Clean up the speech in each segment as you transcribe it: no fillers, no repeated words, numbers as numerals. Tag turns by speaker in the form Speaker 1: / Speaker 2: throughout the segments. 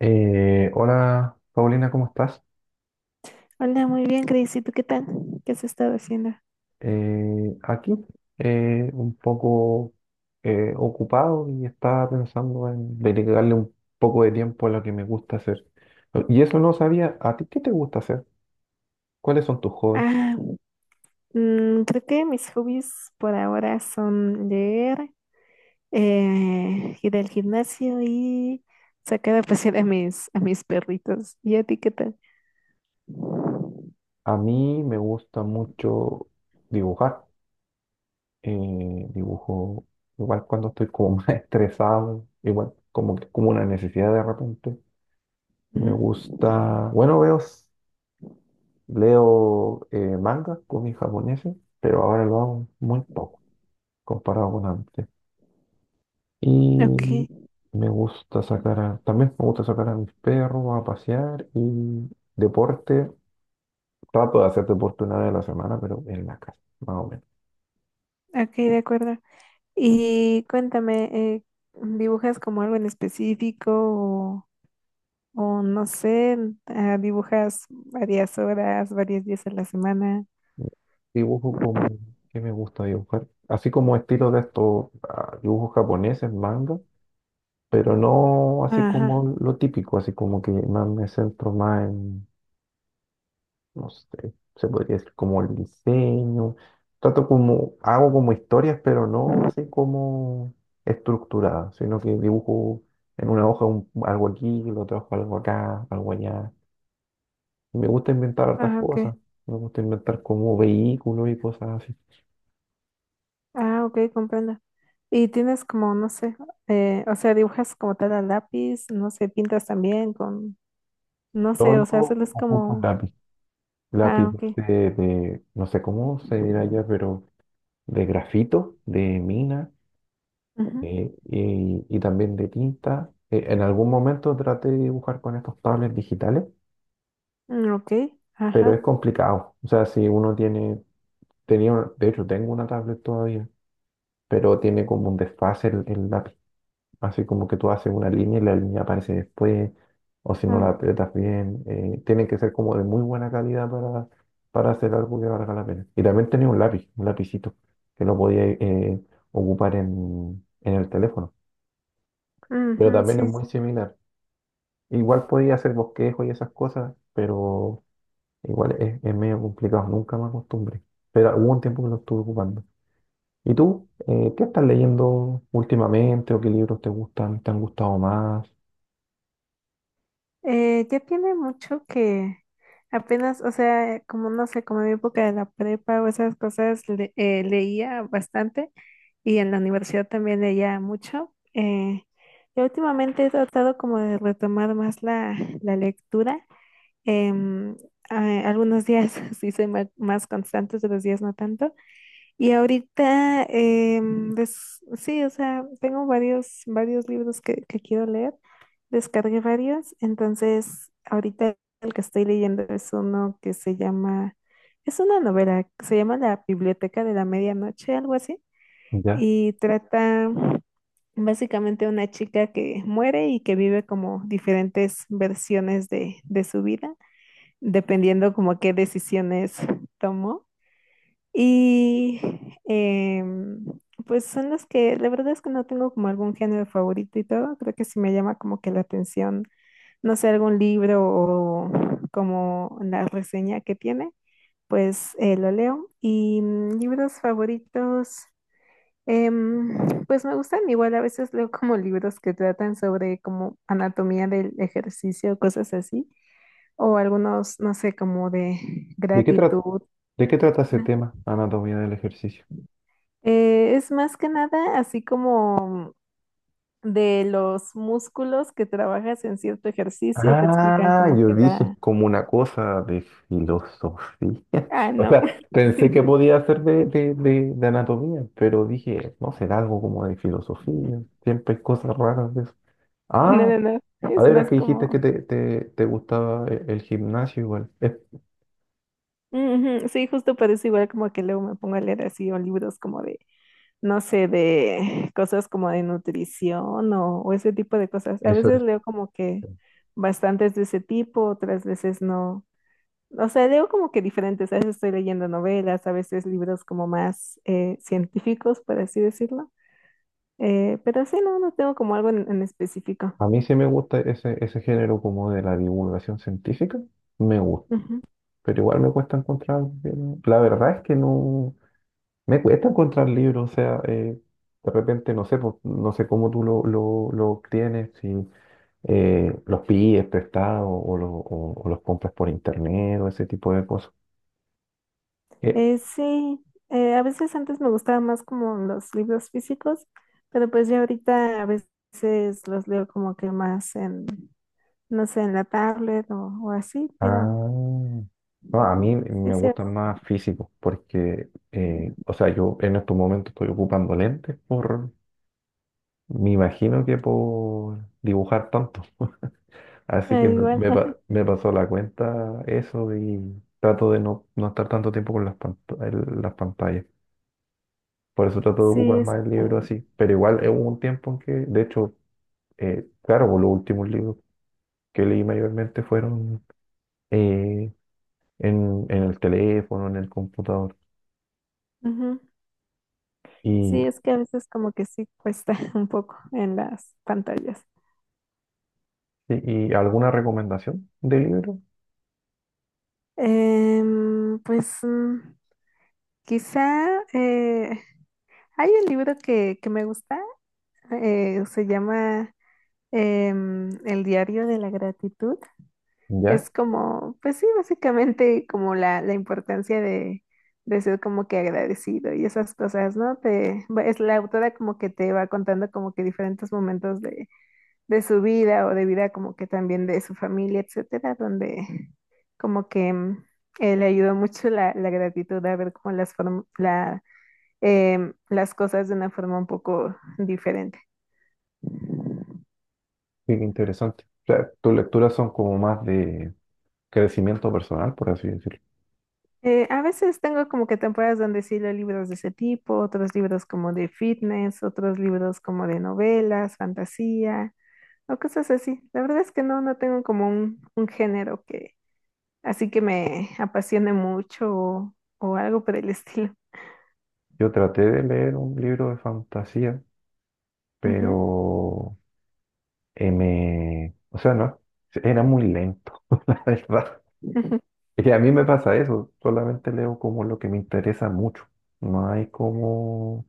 Speaker 1: Hola, Paulina, ¿cómo estás?
Speaker 2: Hola, muy bien, Cris. ¿Y tú qué tal? ¿Qué has estado haciendo?
Speaker 1: Aquí un poco ocupado y estaba pensando en dedicarle un poco de tiempo a lo que me gusta hacer. Y eso no sabía, ¿a ti qué te gusta hacer? ¿Cuáles son tus hobbies?
Speaker 2: Ah, Creo que mis hobbies por ahora son leer, ir al gimnasio y sacar a pasear a mis perritos. ¿Y a ti qué tal?
Speaker 1: A mí me gusta mucho dibujar. Dibujo igual cuando estoy como más estresado, igual como que como una necesidad de repente. Me
Speaker 2: Ujú.
Speaker 1: gusta, bueno, veo, leo mangas, cómics japoneses, pero ahora lo hago muy poco comparado con antes.
Speaker 2: Ok.
Speaker 1: Y me gusta también me gusta sacar a mis perros a pasear y deporte. Trato de hacer deporte una vez a la semana, pero en la casa, más o menos.
Speaker 2: Ok, de acuerdo. Y cuéntame, eh, ¿dibujas como algo en específico o no sé, dibujas varias horas, varios días a la semana?
Speaker 1: Dibujo como, ¿qué me gusta dibujar? Así como estilo de estos ah, dibujos japoneses, manga, pero no así
Speaker 2: Ajá.
Speaker 1: como lo típico, así como que más me centro más en, no sé, se podría decir como el diseño, trato como, hago como historias, pero no así como estructuradas, sino que dibujo en una hoja algo aquí, lo trabajo algo acá, algo allá. Y me gusta inventar hartas
Speaker 2: Ah, ok.
Speaker 1: cosas, me gusta inventar como vehículos y cosas así.
Speaker 2: Ah, ok, comprendo. Y tienes como, no sé, o sea, dibujas como tal a lápiz, no sé, pintas también con, no sé, o
Speaker 1: Solo
Speaker 2: sea, solo es
Speaker 1: ocupo un
Speaker 2: como,
Speaker 1: lápiz,
Speaker 2: ah,
Speaker 1: lápiz
Speaker 2: ok.
Speaker 1: de, no sé cómo se dirá ya, pero de grafito, de mina.
Speaker 2: Ujú.
Speaker 1: Sí, y también de tinta. En algún momento traté de dibujar con estos tablets digitales,
Speaker 2: Mm, ok,
Speaker 1: pero es
Speaker 2: ajá.
Speaker 1: complicado. O sea, si uno tiene, tenía, de hecho tengo una tablet todavía, pero tiene como un desfase el lápiz. Así como que tú haces una línea y la línea aparece después, o si no la
Speaker 2: Ah,
Speaker 1: aprietas bien. Tiene que ser como de muy buena calidad para hacer algo que valga la pena. Y también tenía un lápiz, un lapicito, que lo podía ocupar en el teléfono. Pero
Speaker 2: ujú,
Speaker 1: también es
Speaker 2: sí.
Speaker 1: muy similar. Igual podía hacer bosquejo y esas cosas, pero igual es medio complicado, nunca me acostumbré. Pero hubo un tiempo que lo estuve ocupando. ¿Y tú? ¿Qué estás leyendo últimamente o qué libros te gustan, te han gustado más?
Speaker 2: Ya tiene mucho que apenas, o sea, como no sé, como en mi época de la prepa o esas cosas, leía bastante y en la universidad también leía mucho. Yo últimamente he tratado como de retomar más la lectura. em, Algunos días sí soy más constante, otros días no tanto. Y ahorita, sí, o sea, tengo varios libros que quiero leer. Descargué varios, entonces ahorita el que estoy leyendo es uno que se llama, es una novela, se llama La Biblioteca de la Medianoche, algo así,
Speaker 1: ¿Ya?
Speaker 2: y trata básicamente una chica que muere y que vive como diferentes versiones de su vida, dependiendo como qué decisiones tomó. Y em, pues son las que, la verdad es que no tengo como algún género favorito y todo, creo que sí me llama como que la atención, no sé, algún libro o como la reseña que tiene, pues lo leo. Y libros favoritos, em, pues me gustan, igual a veces leo como libros que tratan sobre como anatomía del ejercicio, cosas así, o algunos, no sé, como de
Speaker 1: ¿De qué trata,
Speaker 2: gratitud.
Speaker 1: de qué trata ese tema, anatomía del ejercicio?
Speaker 2: Es más que nada así como de los músculos que trabajas en cierto ejercicio, te explican
Speaker 1: Ah,
Speaker 2: como
Speaker 1: yo
Speaker 2: que
Speaker 1: dije
Speaker 2: la...
Speaker 1: como una cosa de filosofía.
Speaker 2: Ah,
Speaker 1: O
Speaker 2: no,
Speaker 1: sea, pensé que podía ser de anatomía, pero dije, no será algo como de filosofía. Siempre hay cosas raras de eso.
Speaker 2: no,
Speaker 1: Ah,
Speaker 2: no, no,
Speaker 1: a
Speaker 2: es
Speaker 1: ver,
Speaker 2: más
Speaker 1: que dijiste
Speaker 2: como...
Speaker 1: que te gustaba el gimnasio igual. Es-
Speaker 2: Ujú. Sí, justo parece igual como que luego me pongo a leer así o libros como de, no sé, de cosas como de nutrición o ese tipo de cosas. A
Speaker 1: Eso
Speaker 2: veces
Speaker 1: es.
Speaker 2: leo como que bastantes de ese tipo, otras veces no. O sea, leo como que diferentes, a veces estoy leyendo novelas, a veces libros como más científicos, por así decirlo. Pero sí, no, no tengo como algo en específico.
Speaker 1: A mí sí me gusta ese género como de la divulgación científica, me gusta,
Speaker 2: Ujú.
Speaker 1: pero igual me cuesta encontrar, bien- la verdad es que no, me cuesta encontrar libros, o sea, de repente no sé, pues, no sé cómo tú lo obtienes, si los pides prestados o, o los compras por internet o ese tipo de cosas. Eh,
Speaker 2: Sí, a veces antes me gustaban más como los libros físicos, pero pues ya ahorita a veces los leo como que más en, no sé, en la tablet o así, pero
Speaker 1: Ah, no, a mí
Speaker 2: sí,
Speaker 1: me
Speaker 2: sí,
Speaker 1: gustan más físicos porque, o sea, yo en estos momentos estoy ocupando lentes por, me imagino que por dibujar tanto. Así que me,
Speaker 2: igual,
Speaker 1: me pasó la cuenta eso y trato de no, no estar tanto tiempo con las, las pantallas. Por eso trato de
Speaker 2: sí,
Speaker 1: ocupar
Speaker 2: es,
Speaker 1: más el libro así. Pero igual hubo un tiempo en que, de hecho, claro, por los últimos libros que leí mayormente fueron eh, en el teléfono, en el computador.
Speaker 2: ujú.
Speaker 1: ¿Y,
Speaker 2: Sí, es que a veces como que sí cuesta un poco en las pantallas.
Speaker 1: y alguna recomendación de libro?
Speaker 2: Pues quizá hay un libro que me gusta, se llama El diario de la gratitud.
Speaker 1: Ya,
Speaker 2: Es como, pues sí, básicamente como la importancia de ser como que agradecido y esas cosas, ¿no? Es la autora como que te va contando como que diferentes momentos de su vida o de vida como que también de su familia, etcétera, donde como que le ayudó mucho la gratitud a ver como las cosas de una forma un poco diferente.
Speaker 1: qué interesante. O sea, tus lecturas son como más de crecimiento personal, por así decirlo.
Speaker 2: A veces tengo como que temporadas donde sí leo libros de ese tipo, otros libros como de fitness, otros libros como de novelas, fantasía o cosas así. La verdad es que no, no tengo como un género que así que me apasione mucho o algo por el estilo.
Speaker 1: Yo traté de leer un libro de fantasía,
Speaker 2: Ujú,
Speaker 1: pero me... O sea, no, era muy lento, la verdad.
Speaker 2: ujú,
Speaker 1: Y a mí me pasa eso, solamente leo como lo que me interesa mucho. No hay como...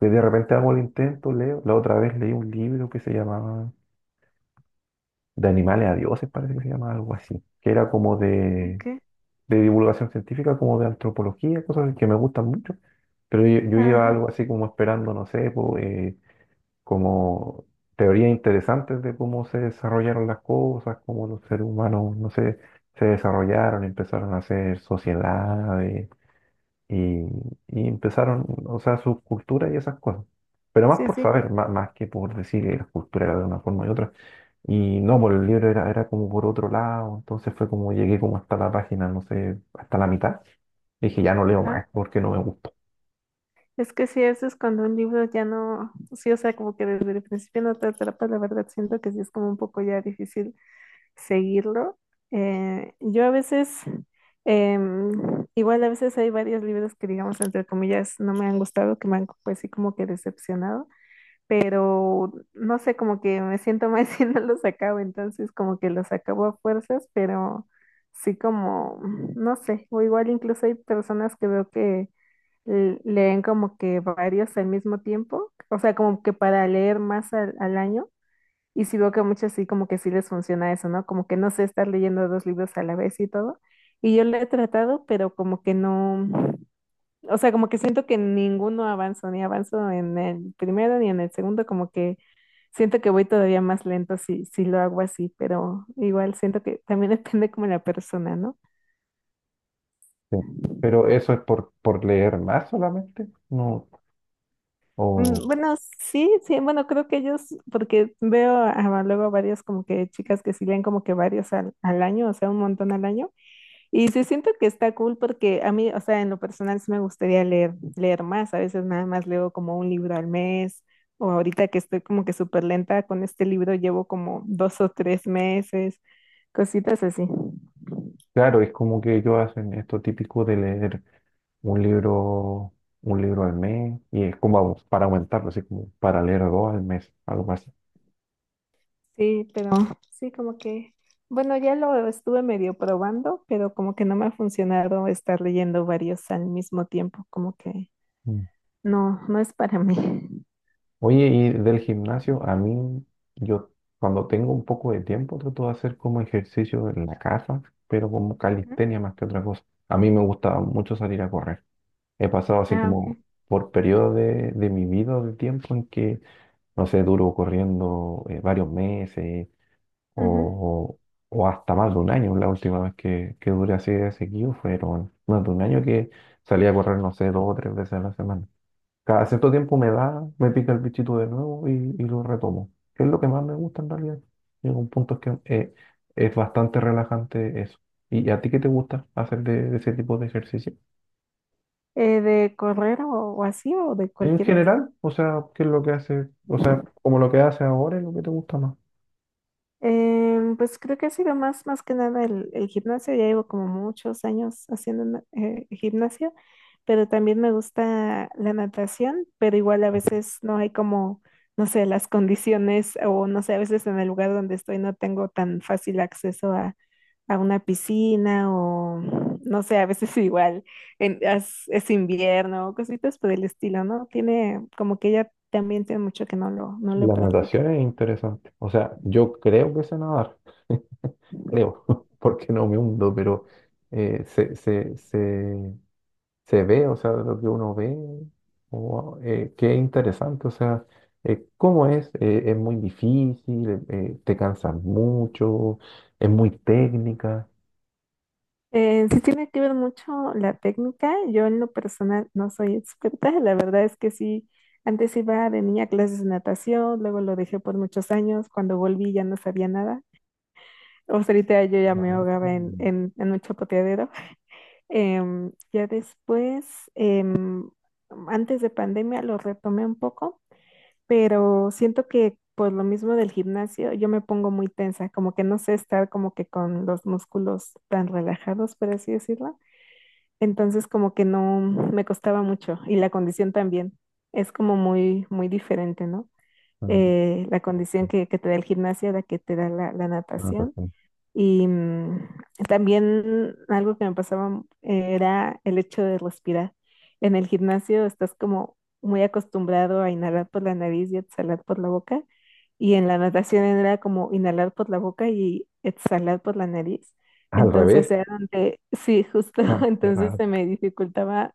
Speaker 1: que de repente hago el intento, leo. La otra vez leí un libro que se llamaba De animales a dioses, parece que se llama algo así, que era como
Speaker 2: ok.
Speaker 1: de divulgación científica, como de antropología, cosas que me gustan mucho, pero yo iba
Speaker 2: Ajá,
Speaker 1: algo así como esperando, no sé, po, como teorías interesantes de cómo se desarrollaron las cosas, cómo los seres humanos, no sé, se desarrollaron, empezaron a hacer sociedades, y, y empezaron, o sea, su cultura y esas cosas. Pero más
Speaker 2: sí,
Speaker 1: por
Speaker 2: sí,
Speaker 1: saber, más, que por decir que la cultura era de una forma y otra. Y no, por el libro era, era como por otro lado. Entonces fue como llegué como hasta la página, no sé, hasta la mitad. Dije, ya no leo
Speaker 2: ajá.
Speaker 1: más porque no me gustó.
Speaker 2: Es que sí, eso es cuando un libro ya no, sí, o sea, como que desde el principio no te atrapa, la verdad siento que sí es como un poco ya difícil seguirlo. Yo a veces, igual a veces hay varios libros que digamos, entre comillas, no me han gustado, que me han pues sí como que decepcionado. Pero no sé, como que me siento mal si no los acabo, entonces como que los acabo a fuerzas, pero sí como, no sé, o igual incluso hay personas que veo que leen como que varios al mismo tiempo, o sea, como que para leer más al año, y sí veo que a muchos sí como que sí les funciona eso, ¿no? Como que no sé estar leyendo dos libros a la vez y todo, y yo lo he tratado, pero como que no... O sea, como que siento que ninguno avanzó, ni avanzo en el primero ni en el segundo, como que siento que voy todavía más lento si lo hago así, pero igual siento que también depende como la persona, ¿no?
Speaker 1: Sí. Pero eso es por leer más solamente. No, o,
Speaker 2: Mm, bueno, sí, sí, bueno, creo que ellos, porque veo luego varias como que chicas que sí leen como que varios al año, o sea, un montón al año, y sí siento que está cool porque a mí, o sea, en lo personal sí me gustaría leer, leer más, a veces nada más leo como un libro al mes, o ahorita que estoy como que súper lenta con este libro, llevo como dos o tres meses, cositas así.
Speaker 1: claro, es como que ellos hacen esto típico de leer un libro, un libro al mes. Y es como para aumentarlo, así como para leer dos al mes, algo así.
Speaker 2: Sí, pero sí, como que, bueno, ya lo estuve medio probando, pero como que no me ha funcionado estar leyendo varios al mismo tiempo, como que
Speaker 1: Mm.
Speaker 2: no, no es para mí.
Speaker 1: Oye, y del gimnasio, a mí, yo cuando tengo un poco de tiempo trato de hacer como ejercicio en la casa, pero como
Speaker 2: Ujú.
Speaker 1: calistenia más que otra cosa. A mí me gusta mucho salir a correr. He pasado así
Speaker 2: Ah, ok.
Speaker 1: como por periodos de mi vida o de tiempo en que, no sé, duro corriendo varios meses
Speaker 2: Ujú.
Speaker 1: o, o hasta más de un año. La última vez que duré así de seguido fueron más de un año que salí a correr, no sé, dos o tres veces a la semana. Cada cierto tiempo me da, me pica el bichito de nuevo y lo retomo. Que es lo que más me gusta en realidad. Llega un punto que es bastante relajante eso. ¿Y a ti qué te gusta hacer de ese tipo de ejercicio?
Speaker 2: ¿De correr o así o de
Speaker 1: En
Speaker 2: cualquier
Speaker 1: general, o sea, ¿qué es lo que hace? O sea, como lo que hace ahora es lo que te gusta más.
Speaker 2: Pues creo que ha sido más, más que nada el gimnasio. Ya llevo como muchos años haciendo gimnasio, pero también me gusta la natación, pero igual a veces no hay como, no sé, las condiciones o no sé, a veces en el lugar donde estoy no tengo tan fácil acceso a una piscina o no sé, a veces igual es invierno o cositas por el estilo, ¿no? Tiene como que ya también tiene mucho que no no lo
Speaker 1: La
Speaker 2: practico.
Speaker 1: natación es interesante. O sea, yo creo que sé nadar, creo, porque no me hundo, pero sé, se ve, o sea, lo que uno ve, o, qué interesante, o sea, cómo es muy difícil, te cansas mucho, es muy técnica.
Speaker 2: Sí tiene que ver mucho la técnica. Yo en lo personal no soy experta. La verdad es que sí, antes iba de niña a clases de natación, luego lo dejé por muchos años. Cuando volví ya no sabía nada. O sea, ahorita yo ya
Speaker 1: Ah,
Speaker 2: me ahogaba
Speaker 1: mm,
Speaker 2: en un chapoteadero. Em, ya después, em, antes de pandemia lo retomé un poco, pero siento que por lo mismo del gimnasio yo me pongo muy tensa, como que no sé estar como que con los músculos tan relajados, por así decirlo. Entonces como que no me costaba mucho y la condición también es como muy, muy diferente, ¿no?
Speaker 1: mm,
Speaker 2: La condición que te da el gimnasio a la que te da la
Speaker 1: ah, pues
Speaker 2: natación.
Speaker 1: sí.
Speaker 2: Y también algo que me pasaba era el hecho de respirar. En el gimnasio estás como muy acostumbrado a inhalar por la nariz y exhalar por la boca. Y en la natación era como inhalar por la boca y exhalar por la nariz.
Speaker 1: Al revés,
Speaker 2: Entonces era donde, sí, justo,
Speaker 1: ah, qué
Speaker 2: entonces
Speaker 1: raro.
Speaker 2: se me dificultaba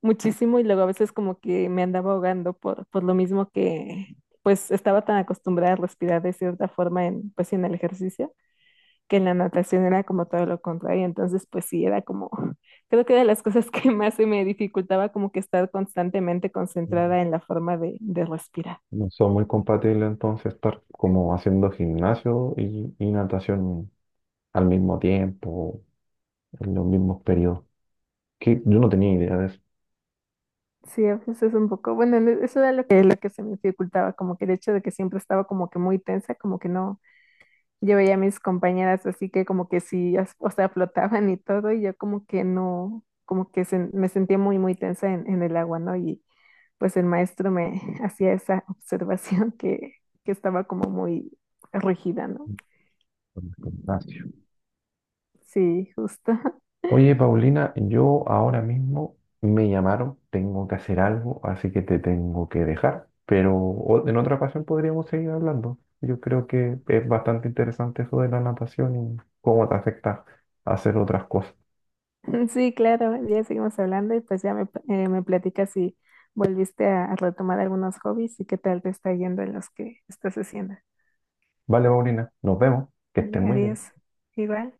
Speaker 2: muchísimo y luego a veces como que me andaba ahogando por lo mismo que pues estaba tan acostumbrada a respirar de cierta forma en, pues, en el ejercicio, que en la natación era como todo lo contrario, entonces pues sí, era como, creo que era de las cosas que más se me dificultaba como que estar constantemente
Speaker 1: Mm.
Speaker 2: concentrada en la forma de respirar.
Speaker 1: No son muy compatibles entonces estar como haciendo gimnasio y natación al mismo tiempo, en los mismos periodos. Que yo no tenía idea de eso.
Speaker 2: Sí, a veces es un poco, bueno, eso era lo que se me dificultaba, como que el hecho de que siempre estaba como que muy tensa, como que no, yo veía a mis compañeras así que como que sí, o sea, flotaban y todo, y yo como que no, como que se, me sentía muy, muy tensa en el agua, ¿no? Y pues el maestro me hacía esa observación que estaba como muy rígida, ¿no?
Speaker 1: Gimnasio.
Speaker 2: Sí, justo.
Speaker 1: Oye, Paulina, yo ahora mismo me llamaron, tengo que hacer algo, así que te tengo que dejar, pero en otra ocasión podríamos seguir hablando. Yo creo que es bastante interesante eso de la natación y cómo te afecta hacer otras cosas.
Speaker 2: Sí, claro, ya seguimos hablando y pues ya me, me platicas si volviste a retomar algunos hobbies y qué tal te está yendo en los que estás haciendo.
Speaker 1: Vale, Paulina, nos vemos, que estés
Speaker 2: Vale,
Speaker 1: muy bien.
Speaker 2: adiós. Igual.